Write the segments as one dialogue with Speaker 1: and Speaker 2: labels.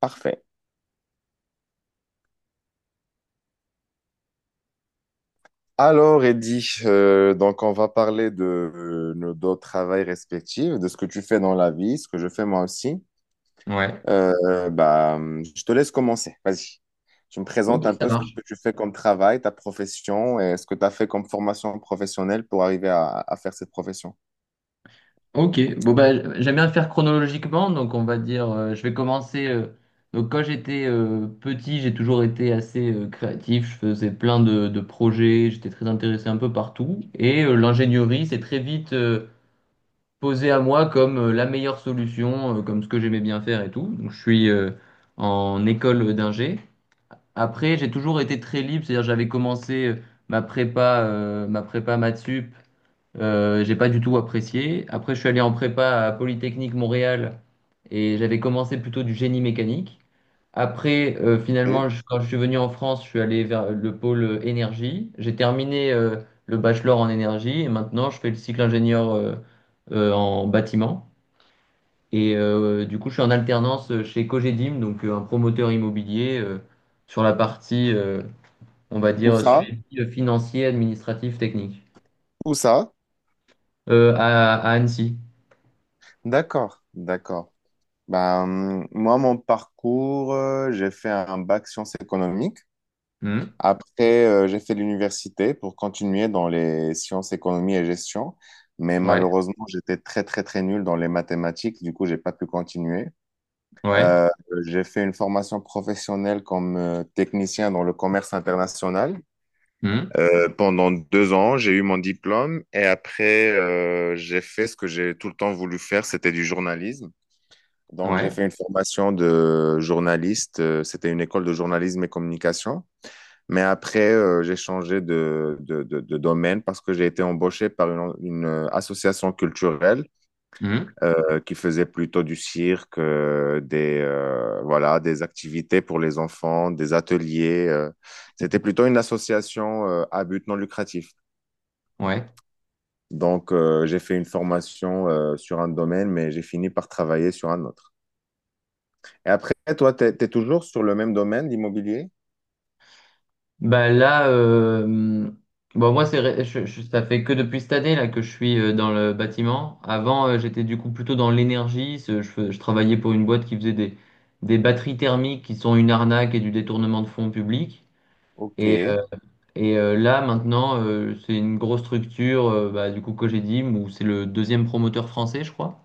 Speaker 1: Parfait. Alors, Eddy, donc on va parler de nos deux travails respectifs, de ce que tu fais dans la vie, ce que je fais moi aussi.
Speaker 2: Ouais.
Speaker 1: Bah, je te laisse commencer. Vas-y. Tu me
Speaker 2: Ok,
Speaker 1: présentes un
Speaker 2: ça
Speaker 1: peu ce que
Speaker 2: marche.
Speaker 1: tu fais comme travail, ta profession et ce que tu as fait comme formation professionnelle pour arriver à faire cette profession.
Speaker 2: Ok. Bon, bah, j'aime bien le faire chronologiquement. Donc, on va dire, je vais commencer. Donc, quand j'étais petit, j'ai toujours été assez créatif. Je faisais plein de projets. J'étais très intéressé un peu partout. Et l'ingénierie s'est très vite posée à moi comme la meilleure solution, comme ce que j'aimais bien faire et tout. Donc, je suis en école d'ingé. Après, j'ai toujours été très libre. C'est-à-dire, j'avais commencé ma prépa maths sup. J'ai pas du tout apprécié. Après, je suis allé en prépa à Polytechnique Montréal et j'avais commencé plutôt du génie mécanique. Après,
Speaker 1: Et
Speaker 2: finalement, quand je suis venu en France, je suis allé vers le pôle énergie. J'ai terminé le bachelor en énergie et maintenant je fais le cycle ingénieur en bâtiment. Et du coup, je suis en alternance chez Cogedim, donc un promoteur immobilier sur la partie, on va
Speaker 1: où
Speaker 2: dire,
Speaker 1: ça?
Speaker 2: suivi financier, administratif, technique.
Speaker 1: Où ça?
Speaker 2: À Annecy.
Speaker 1: D'accord, d'accord. Bah, moi, mon parcours, j'ai fait un bac sciences économiques. Après, j'ai fait l'université pour continuer dans les sciences, économie et gestion, mais
Speaker 2: Ouais,
Speaker 1: malheureusement, j'étais très, très, très nul dans les mathématiques, du coup, j'ai pas pu continuer.
Speaker 2: ouais,
Speaker 1: Euh, j'ai fait une formation professionnelle comme technicien dans le commerce international.
Speaker 2: hmm,
Speaker 1: Pendant 2 ans, j'ai eu mon diplôme et après, j'ai fait ce que j'ai tout le temps voulu faire, c'était du journalisme. Donc, j'ai
Speaker 2: ouais,
Speaker 1: fait une formation de journaliste, c'était une école de journalisme et communication. Mais après, j'ai changé de domaine parce que j'ai été embauché par une, association culturelle
Speaker 2: hmm,
Speaker 1: qui faisait plutôt du cirque, voilà, des activités pour les enfants, des ateliers. C'était plutôt une association à but non lucratif.
Speaker 2: ouais.
Speaker 1: Donc, j'ai fait une formation sur un domaine, mais j'ai fini par travailler sur un autre. Et après, toi, tu es toujours sur le même domaine, l'immobilier?
Speaker 2: Bah là, bon moi, c'est, ré- je- ça fait que depuis cette année là que je suis dans le bâtiment. Avant j'étais du coup plutôt dans l'énergie. Je travaillais pour une boîte qui faisait des batteries thermiques qui sont une arnaque et du détournement de fonds publics.
Speaker 1: Ok.
Speaker 2: Et, euh, là maintenant c'est une grosse structure, du coup Cogedim, où c'est le deuxième promoteur français je crois.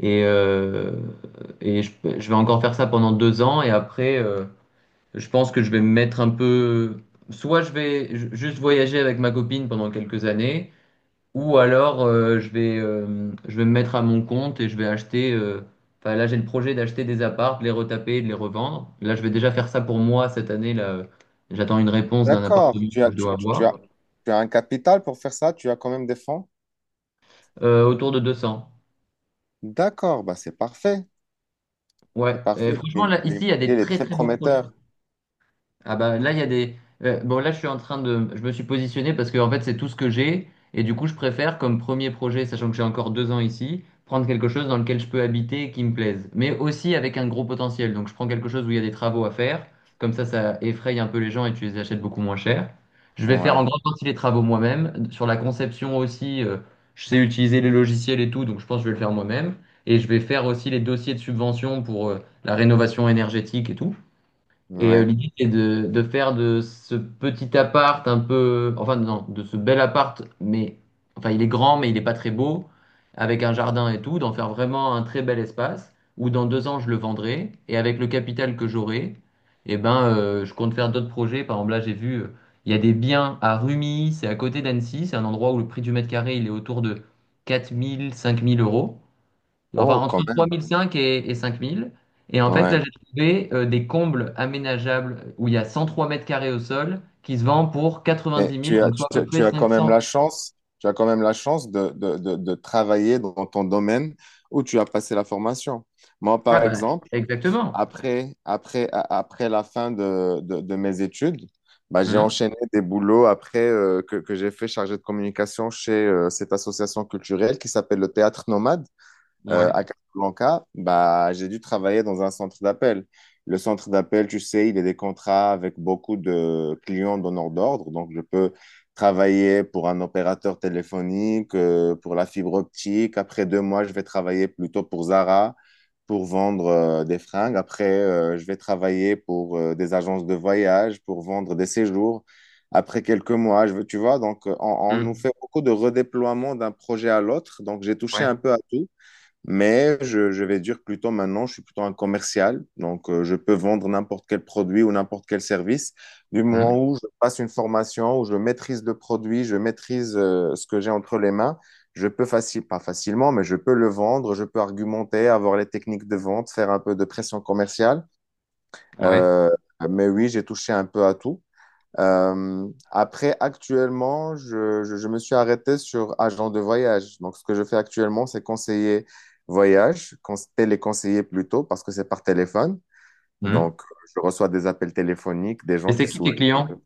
Speaker 2: Et, euh, et je vais encore faire ça pendant 2 ans et après. Je pense que je vais me mettre un peu. Soit je vais juste voyager avec ma copine pendant quelques années, ou alors je vais me mettre à mon compte et je vais acheter. Enfin, là, j'ai le projet d'acheter des apparts, de les retaper, et de les revendre. Là, je vais déjà faire ça pour moi cette année. Là, j'attends une réponse d'un
Speaker 1: D'accord,
Speaker 2: appartement que je dois avoir.
Speaker 1: tu as un capital pour faire ça, tu as quand même des fonds.
Speaker 2: Autour de 200.
Speaker 1: D'accord, bah c'est parfait,
Speaker 2: Ouais.
Speaker 1: c'est
Speaker 2: Et
Speaker 1: parfait.
Speaker 2: franchement,
Speaker 1: L'immo-
Speaker 2: là, ici, il
Speaker 1: L'immobilier,
Speaker 2: y a des
Speaker 1: il est
Speaker 2: très
Speaker 1: très
Speaker 2: très beaux projets.
Speaker 1: prometteur.
Speaker 2: Ah bah là il y a des bon là, je me suis positionné, parce que en fait c'est tout ce que j'ai, et du coup je préfère, comme premier projet, sachant que j'ai encore 2 ans ici, prendre quelque chose dans lequel je peux habiter et qui me plaise, mais aussi avec un gros potentiel. Donc je prends quelque chose où il y a des travaux à faire, comme ça ça effraie un peu les gens et tu les achètes beaucoup moins cher. Je vais faire en
Speaker 1: Ouais,
Speaker 2: grande partie les travaux moi-même, sur la conception aussi, je sais utiliser les logiciels et tout, donc je pense que je vais le faire moi-même. Et je vais faire aussi les dossiers de subvention pour la rénovation énergétique et tout. Et
Speaker 1: ouais.
Speaker 2: l'idée, c'est de faire de ce petit appart un peu, enfin non, de ce bel appart, mais enfin il est grand, mais il n'est pas très beau, avec un jardin et tout, d'en faire vraiment un très bel espace, où dans 2 ans je le vendrai, et avec le capital que j'aurai, eh ben je compte faire d'autres projets. Par exemple, là j'ai vu, il y a des biens à Rumi, c'est à côté d'Annecy, c'est un endroit où le prix du mètre carré il est autour de 4000 5000 euros. Enfin,
Speaker 1: Oh,
Speaker 2: entre
Speaker 1: quand même,
Speaker 2: 3005 et 5000. Et en fait, là,
Speaker 1: ouais.
Speaker 2: j'ai trouvé des combles aménageables où il y a 103 mètres carrés au sol qui se vend pour
Speaker 1: Et
Speaker 2: 90 000,
Speaker 1: tu as,
Speaker 2: donc soit
Speaker 1: tu,
Speaker 2: à peu
Speaker 1: tu-
Speaker 2: près
Speaker 1: tu as quand même
Speaker 2: 500.
Speaker 1: la chance, tu as quand même la chance de travailler dans ton domaine où tu as passé la formation. Moi,
Speaker 2: Ah
Speaker 1: par
Speaker 2: bah,
Speaker 1: exemple,
Speaker 2: exactement.
Speaker 1: après la fin de mes études, bah, j'ai
Speaker 2: Hum,
Speaker 1: enchaîné des boulots après que j'ai fait chargé de communication chez cette association culturelle qui s'appelle le Théâtre Nomade,
Speaker 2: ouais.
Speaker 1: à Casablanca, bah, j'ai dû travailler dans un centre d'appel. Le centre d'appel, tu sais, il y a des contrats avec beaucoup de clients donneurs d'ordre. Donc, je peux travailler pour un opérateur téléphonique, pour la fibre optique. Après 2 mois, je vais travailler plutôt pour Zara pour vendre des fringues. Après, je vais travailler pour des agences de voyage, pour vendre des séjours. Après quelques mois, je veux, tu vois, donc on nous fait
Speaker 2: Hum,
Speaker 1: beaucoup de redéploiement d'un projet à l'autre. Donc, j'ai touché
Speaker 2: ouais.
Speaker 1: un peu à tout. Mais je vais dire plutôt maintenant, je suis plutôt un commercial, donc je peux vendre n'importe quel produit ou n'importe quel service. Du moment
Speaker 2: Hum,
Speaker 1: où je passe une formation, où je maîtrise le produit, je maîtrise ce que j'ai entre les mains, je peux facile, pas facilement, mais je peux le vendre, je peux argumenter, avoir les techniques de vente, faire un peu de pression commerciale.
Speaker 2: ouais.
Speaker 1: Euh, mais oui, j'ai touché un peu à tout. Après, actuellement, je me suis arrêté sur agent de voyage. Donc, ce que je fais actuellement, c'est conseiller voyage, téléconseiller plutôt, parce que c'est par téléphone.
Speaker 2: Hum.
Speaker 1: Donc, je reçois des appels téléphoniques, des
Speaker 2: Et
Speaker 1: gens
Speaker 2: c'est
Speaker 1: qui
Speaker 2: qui
Speaker 1: souhaitent.
Speaker 2: tes clients?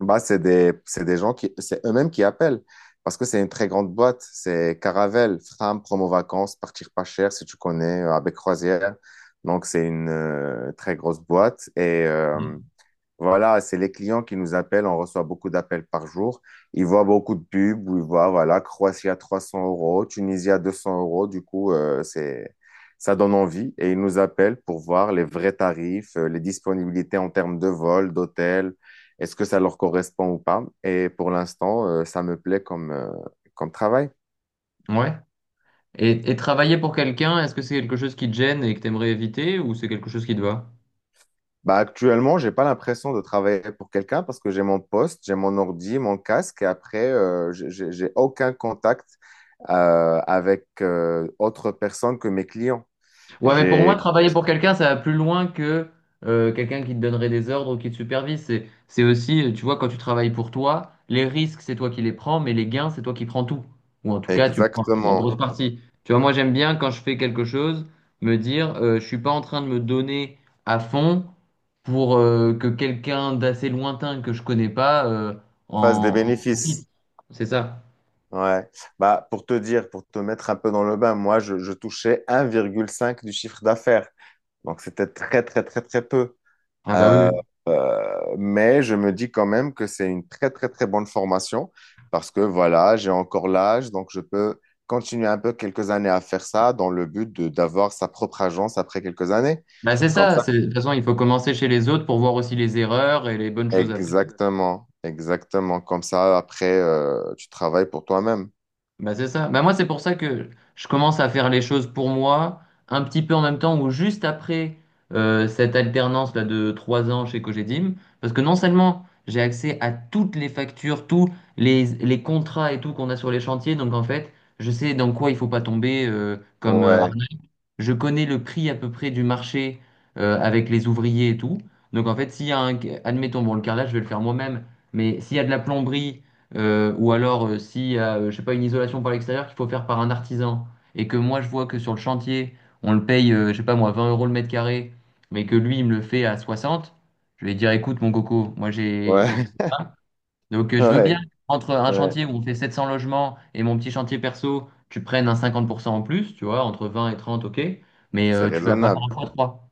Speaker 1: Bah, c'est des gens qui, c'est eux-mêmes qui appellent, parce que c'est une très grande boîte. C'est Caravelle, Fram, Promo Vacances, Partir pas cher, si tu connais, avec Croisière. Donc, c'est une très grosse boîte. Et,
Speaker 2: Hum,
Speaker 1: voilà, c'est les clients qui nous appellent. On reçoit beaucoup d'appels par jour. Ils voient beaucoup de pubs où ils voient, voilà, Croatie à 300 euros, Tunisie à 200 euros. Du coup, ça donne envie et ils nous appellent pour voir les vrais tarifs, les disponibilités en termes de vol, d'hôtel. Est-ce que ça leur correspond ou pas? Et pour l'instant, ça me plaît comme travail.
Speaker 2: ouais. Et travailler pour quelqu'un, est-ce que c'est quelque chose qui te gêne et que tu aimerais éviter, ou c'est quelque chose qui te va?
Speaker 1: Bah, actuellement, j'ai pas l'impression de travailler pour quelqu'un parce que j'ai mon poste, j'ai mon ordi, mon casque et après, j'ai aucun contact avec autre personne que mes clients.
Speaker 2: Ouais, mais pour moi,
Speaker 1: J'ai
Speaker 2: travailler pour quelqu'un, ça va plus loin que quelqu'un qui te donnerait des ordres ou qui te supervise. C'est, c'est aussi, tu vois, quand tu travailles pour toi, les risques, c'est toi qui les prends, mais les gains, c'est toi qui prends tout. Ou en tout cas, tu prends la
Speaker 1: exactement
Speaker 2: grosse partie. Tu vois, moi, j'aime bien, quand je fais quelque chose, me dire, je suis pas en train de me donner à fond pour que quelqu'un d'assez lointain que je connais pas
Speaker 1: face des
Speaker 2: en
Speaker 1: bénéfices.
Speaker 2: profite. C'est ça.
Speaker 1: Ouais. Bah, pour te dire, pour te mettre un peu dans le bain, moi, je touchais 1,5 du chiffre d'affaires. Donc, c'était très, très, très, très peu.
Speaker 2: Ah bah oui.
Speaker 1: Euh,
Speaker 2: Oui.
Speaker 1: mais je me dis quand même que c'est une très, très, très bonne formation parce que voilà, j'ai encore l'âge, donc je peux continuer un peu quelques années à faire ça dans le but de d'avoir sa propre agence après quelques années.
Speaker 2: Bah c'est
Speaker 1: Comme
Speaker 2: ça.
Speaker 1: ça,
Speaker 2: De toute façon, il faut commencer chez les autres pour voir aussi les erreurs et les bonnes choses à faire.
Speaker 1: exactement, exactement. Comme ça, après, tu travailles pour toi-même.
Speaker 2: Bah c'est ça. Bah moi, c'est pour ça que je commence à faire les choses pour moi, un petit peu en même temps ou juste après cette alternance là de 3 ans chez Cogedim, parce que non seulement j'ai accès à toutes les factures, tous les contrats et tout qu'on a sur les chantiers, donc en fait, je sais dans quoi il faut pas tomber comme
Speaker 1: Ouais,
Speaker 2: je connais le prix à peu près du marché avec les ouvriers et tout. Donc en fait, s'il y a un, admettons, bon, le carrelage, je vais le faire moi-même, mais s'il y a de la plomberie, ou alors s'il y a, je sais pas, une isolation par l'extérieur qu'il faut faire par un artisan, et que moi je vois que sur le chantier, on le paye, je sais pas moi, 20 euros le mètre carré, mais que lui, il me le fait à 60, je vais dire, écoute, mon coco, moi j'ai,
Speaker 1: ouais,
Speaker 2: donc, je veux bien,
Speaker 1: ouais,
Speaker 2: entre un
Speaker 1: ouais.
Speaker 2: chantier où on fait 700 logements et mon petit chantier perso, tu prennes un 50% en plus, tu vois, entre 20 et 30, ok, mais
Speaker 1: C'est
Speaker 2: tu vas pas faire un
Speaker 1: raisonnable.
Speaker 2: fois 3.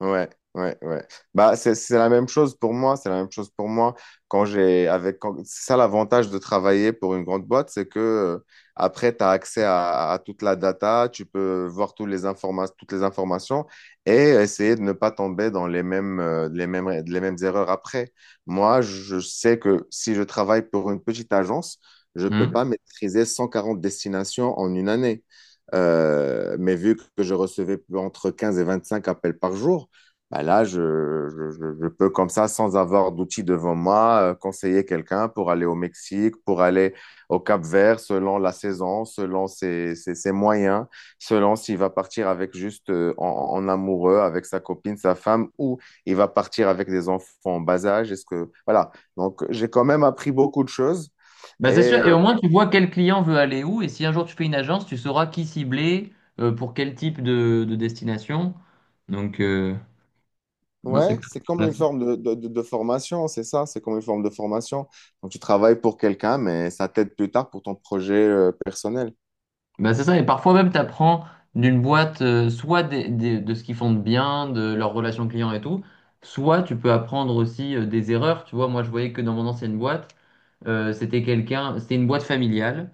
Speaker 1: Ouais, ouais, ouais. Bah, c'est la même chose pour moi. C'est la même chose pour moi. Quand j'ai, avec, quand- c'est ça l'avantage de travailler pour une grande boîte, c'est que après, tu as accès à toute la data, tu peux voir toutes les informations et essayer de ne pas tomber dans les mêmes erreurs après. Moi, je sais que si je travaille pour une petite agence, je peux pas maîtriser 140 destinations en une année. Mais vu que je recevais entre 15 et 25 appels par jour, bah là, je peux comme ça, sans avoir d'outils devant moi, conseiller quelqu'un pour aller au Mexique, pour aller au Cap-Vert, selon la saison, selon ses moyens, selon s'il va partir avec juste en amoureux, avec sa copine, sa femme, ou il va partir avec des enfants en bas âge. Voilà. Donc, j'ai quand même appris beaucoup de choses.
Speaker 2: Bah,
Speaker 1: Et
Speaker 2: c'est sûr, et au moins tu vois quel client veut aller où, et si un jour tu fais une agence, tu sauras qui cibler, pour quel type de destination. Donc, non, c'est
Speaker 1: ouais, c'est comme une
Speaker 2: clair.
Speaker 1: forme de formation, c'est ça, c'est comme une forme de formation. Donc tu travailles pour quelqu'un, mais ça t'aide plus tard pour ton projet personnel.
Speaker 2: Bah c'est ça, et parfois même tu apprends d'une boîte, soit de ce qu'ils font de bien, de leurs relations clients et tout, soit tu peux apprendre aussi des erreurs. Tu vois, moi je voyais que dans mon ancienne boîte, c'était une boîte familiale,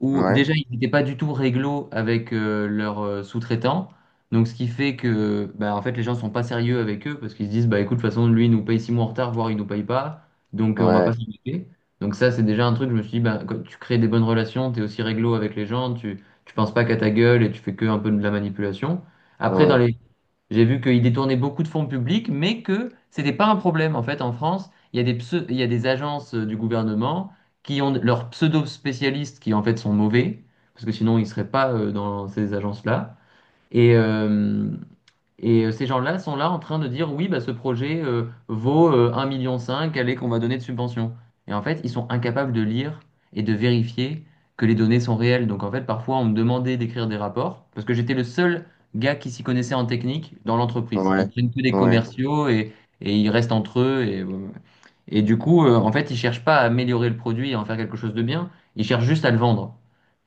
Speaker 2: où
Speaker 1: Ouais,
Speaker 2: déjà ils n'étaient pas du tout réglo avec leurs sous-traitants. Donc ce qui fait que bah, en fait les gens sont pas sérieux avec eux parce qu'ils se disent bah écoute, de toute façon lui il nous paye 6 mois en retard, voire il nous paye pas, donc on va pas
Speaker 1: ouais,
Speaker 2: s'embêter. Donc ça c'est déjà un truc, je me suis dit bah, quand tu crées des bonnes relations, tu es aussi réglo avec les gens, tu penses pas qu'à ta gueule et tu fais que un peu de la manipulation. Après dans
Speaker 1: ouais,
Speaker 2: les j'ai vu qu'ils détournaient beaucoup de fonds publics, mais que c'était pas un problème. En fait, en France, il y a des agences du gouvernement qui ont leurs pseudo-spécialistes qui en fait sont mauvais, parce que sinon ils seraient pas dans ces agences-là. Et, euh, ces gens-là sont là en train de dire oui, bah, ce projet vaut 1,5 million, cinq, allez, qu'on va donner de subvention. Et en fait, ils sont incapables de lire et de vérifier que les données sont réelles. Donc en fait, parfois, on me demandait d'écrire des rapports parce que j'étais le seul gars qui s'y connaissait en technique dans l'entreprise. Ils
Speaker 1: ouais,
Speaker 2: prennent que des
Speaker 1: ouais.
Speaker 2: commerciaux, et ils restent entre eux. Et, voilà. Et du coup, en fait, ils cherchent pas à améliorer le produit et en faire quelque chose de bien, ils cherchent juste à le vendre.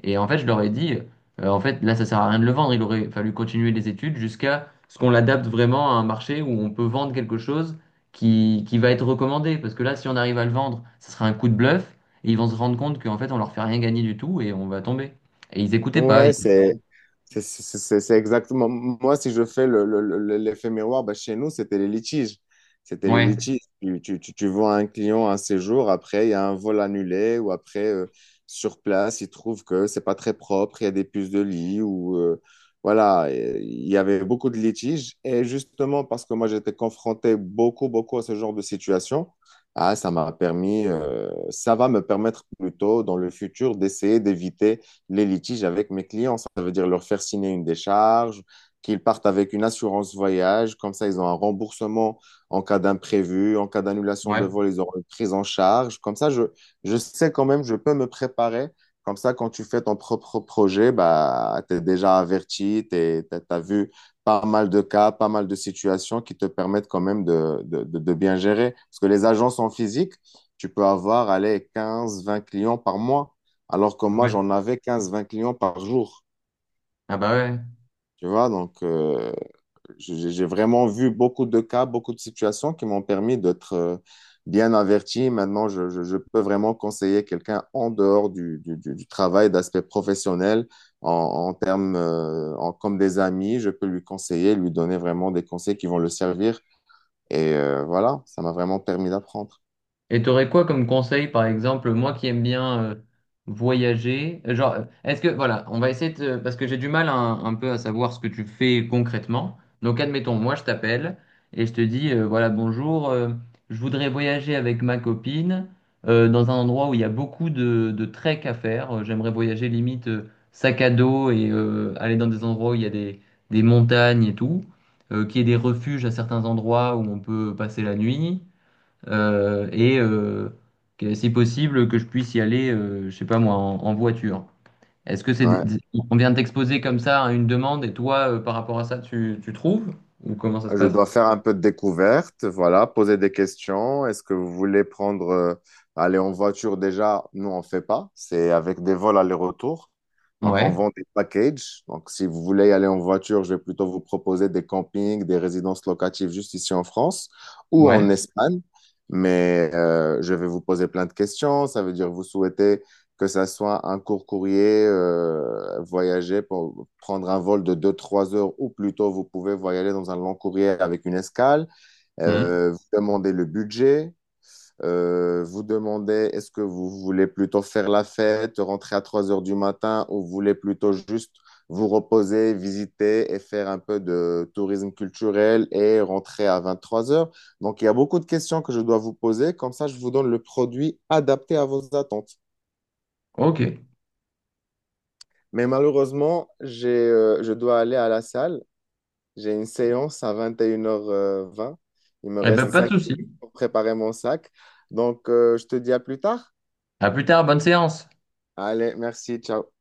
Speaker 2: Et en fait, je leur ai dit, en fait, là, ça sert à rien de le vendre, il aurait fallu continuer les études jusqu'à ce qu'on l'adapte vraiment à un marché où on peut vendre quelque chose qui va être recommandé. Parce que là, si on arrive à le vendre, ça sera un coup de bluff, et ils vont se rendre compte qu'en fait, on leur fait rien gagner du tout et on va tomber. Et ils écoutaient pas.
Speaker 1: Ouais, c'est exactement. Moi, si je fais l'effet miroir, bah, chez nous, c'était les litiges. C'était les
Speaker 2: Ouais,
Speaker 1: litiges. Tu vois un client un séjour, après, il y a un vol annulé, ou après, sur place, il trouve que c'est pas très propre, il y a des puces de lit, ou voilà. Et il y avait beaucoup de litiges. Et justement, parce que moi, j'étais confronté beaucoup, beaucoup à ce genre de situation, ah, ça m'a permis, ça va me permettre plutôt dans le futur d'essayer d'éviter les litiges avec mes clients. Ça veut dire leur faire signer une décharge, qu'ils partent avec une assurance voyage. Comme ça, ils ont un remboursement en cas d'imprévu, en cas d'annulation de
Speaker 2: ouais,
Speaker 1: vol, ils auront une prise en charge. Comme ça, je sais quand même, je peux me préparer. Comme ça, quand tu fais ton propre projet, bah, tu es déjà averti, tu as vu pas mal de cas, pas mal de situations qui te permettent quand même de bien gérer. Parce que les agences en physique, tu peux avoir, allez, 15 20 clients par mois. Alors que moi,
Speaker 2: ouais.
Speaker 1: j'en avais 15, 20 clients par jour.
Speaker 2: Ah bah ouais.
Speaker 1: Tu vois, donc j'ai vraiment vu beaucoup de cas, beaucoup de situations qui m'ont permis d'être bien averti. Maintenant, je peux vraiment conseiller quelqu'un en dehors du travail, d'aspect professionnel, en termes comme des amis. Je peux lui conseiller, lui donner vraiment des conseils qui vont le servir. Et voilà, ça m'a vraiment permis d'apprendre.
Speaker 2: Et t'aurais quoi comme conseil, par exemple, moi qui aime bien voyager, genre, est-ce que, voilà, on va essayer de, parce que j'ai du mal un peu à savoir ce que tu fais concrètement. Donc, admettons, moi, je t'appelle et je te dis, voilà, bonjour, je voudrais voyager avec ma copine dans un endroit où il y a beaucoup de trek à faire. J'aimerais voyager limite sac à dos et aller dans des endroits où il y a des montagnes et tout, qu'il y ait des refuges à certains endroits où on peut passer la nuit, euh, et euh, si possible que je puisse y aller, je sais pas moi, en voiture. Est-ce que
Speaker 1: Ouais.
Speaker 2: on vient de t'exposer comme ça à une demande, et toi, par rapport à ça, tu trouves? Ou comment ça se
Speaker 1: Je
Speaker 2: passe?
Speaker 1: dois faire un peu de découverte, voilà, poser des questions. Est-ce que vous voulez aller en voiture déjà? Nous, on fait pas. C'est avec des vols aller-retour. Donc, on
Speaker 2: Ouais,
Speaker 1: vend des packages. Donc, si vous voulez aller en voiture, je vais plutôt vous proposer des campings, des résidences locatives juste ici en France ou
Speaker 2: ouais.
Speaker 1: en Espagne. Mais je vais vous poser plein de questions. Ça veut dire vous souhaitez que ça soit un court courrier voyager pour prendre un vol de 2 trois heures ou plutôt vous pouvez voyager dans un long courrier avec une escale,
Speaker 2: Mmh.
Speaker 1: vous demandez le budget, vous demandez est-ce que vous voulez plutôt faire la fête, rentrer à 3 heures du matin ou vous voulez plutôt juste vous reposer, visiter et faire un peu de tourisme culturel et rentrer à 23 heures. Donc il y a beaucoup de questions que je dois vous poser, comme ça je vous donne le produit adapté à vos attentes.
Speaker 2: Ok. Eh
Speaker 1: Mais malheureusement, je dois aller à la salle. J'ai une séance à 21h20. Il me reste
Speaker 2: ben, pas de
Speaker 1: 5
Speaker 2: souci.
Speaker 1: minutes pour préparer mon sac. Donc, je te dis à plus tard.
Speaker 2: À plus tard, bonne séance.
Speaker 1: Allez, merci, ciao.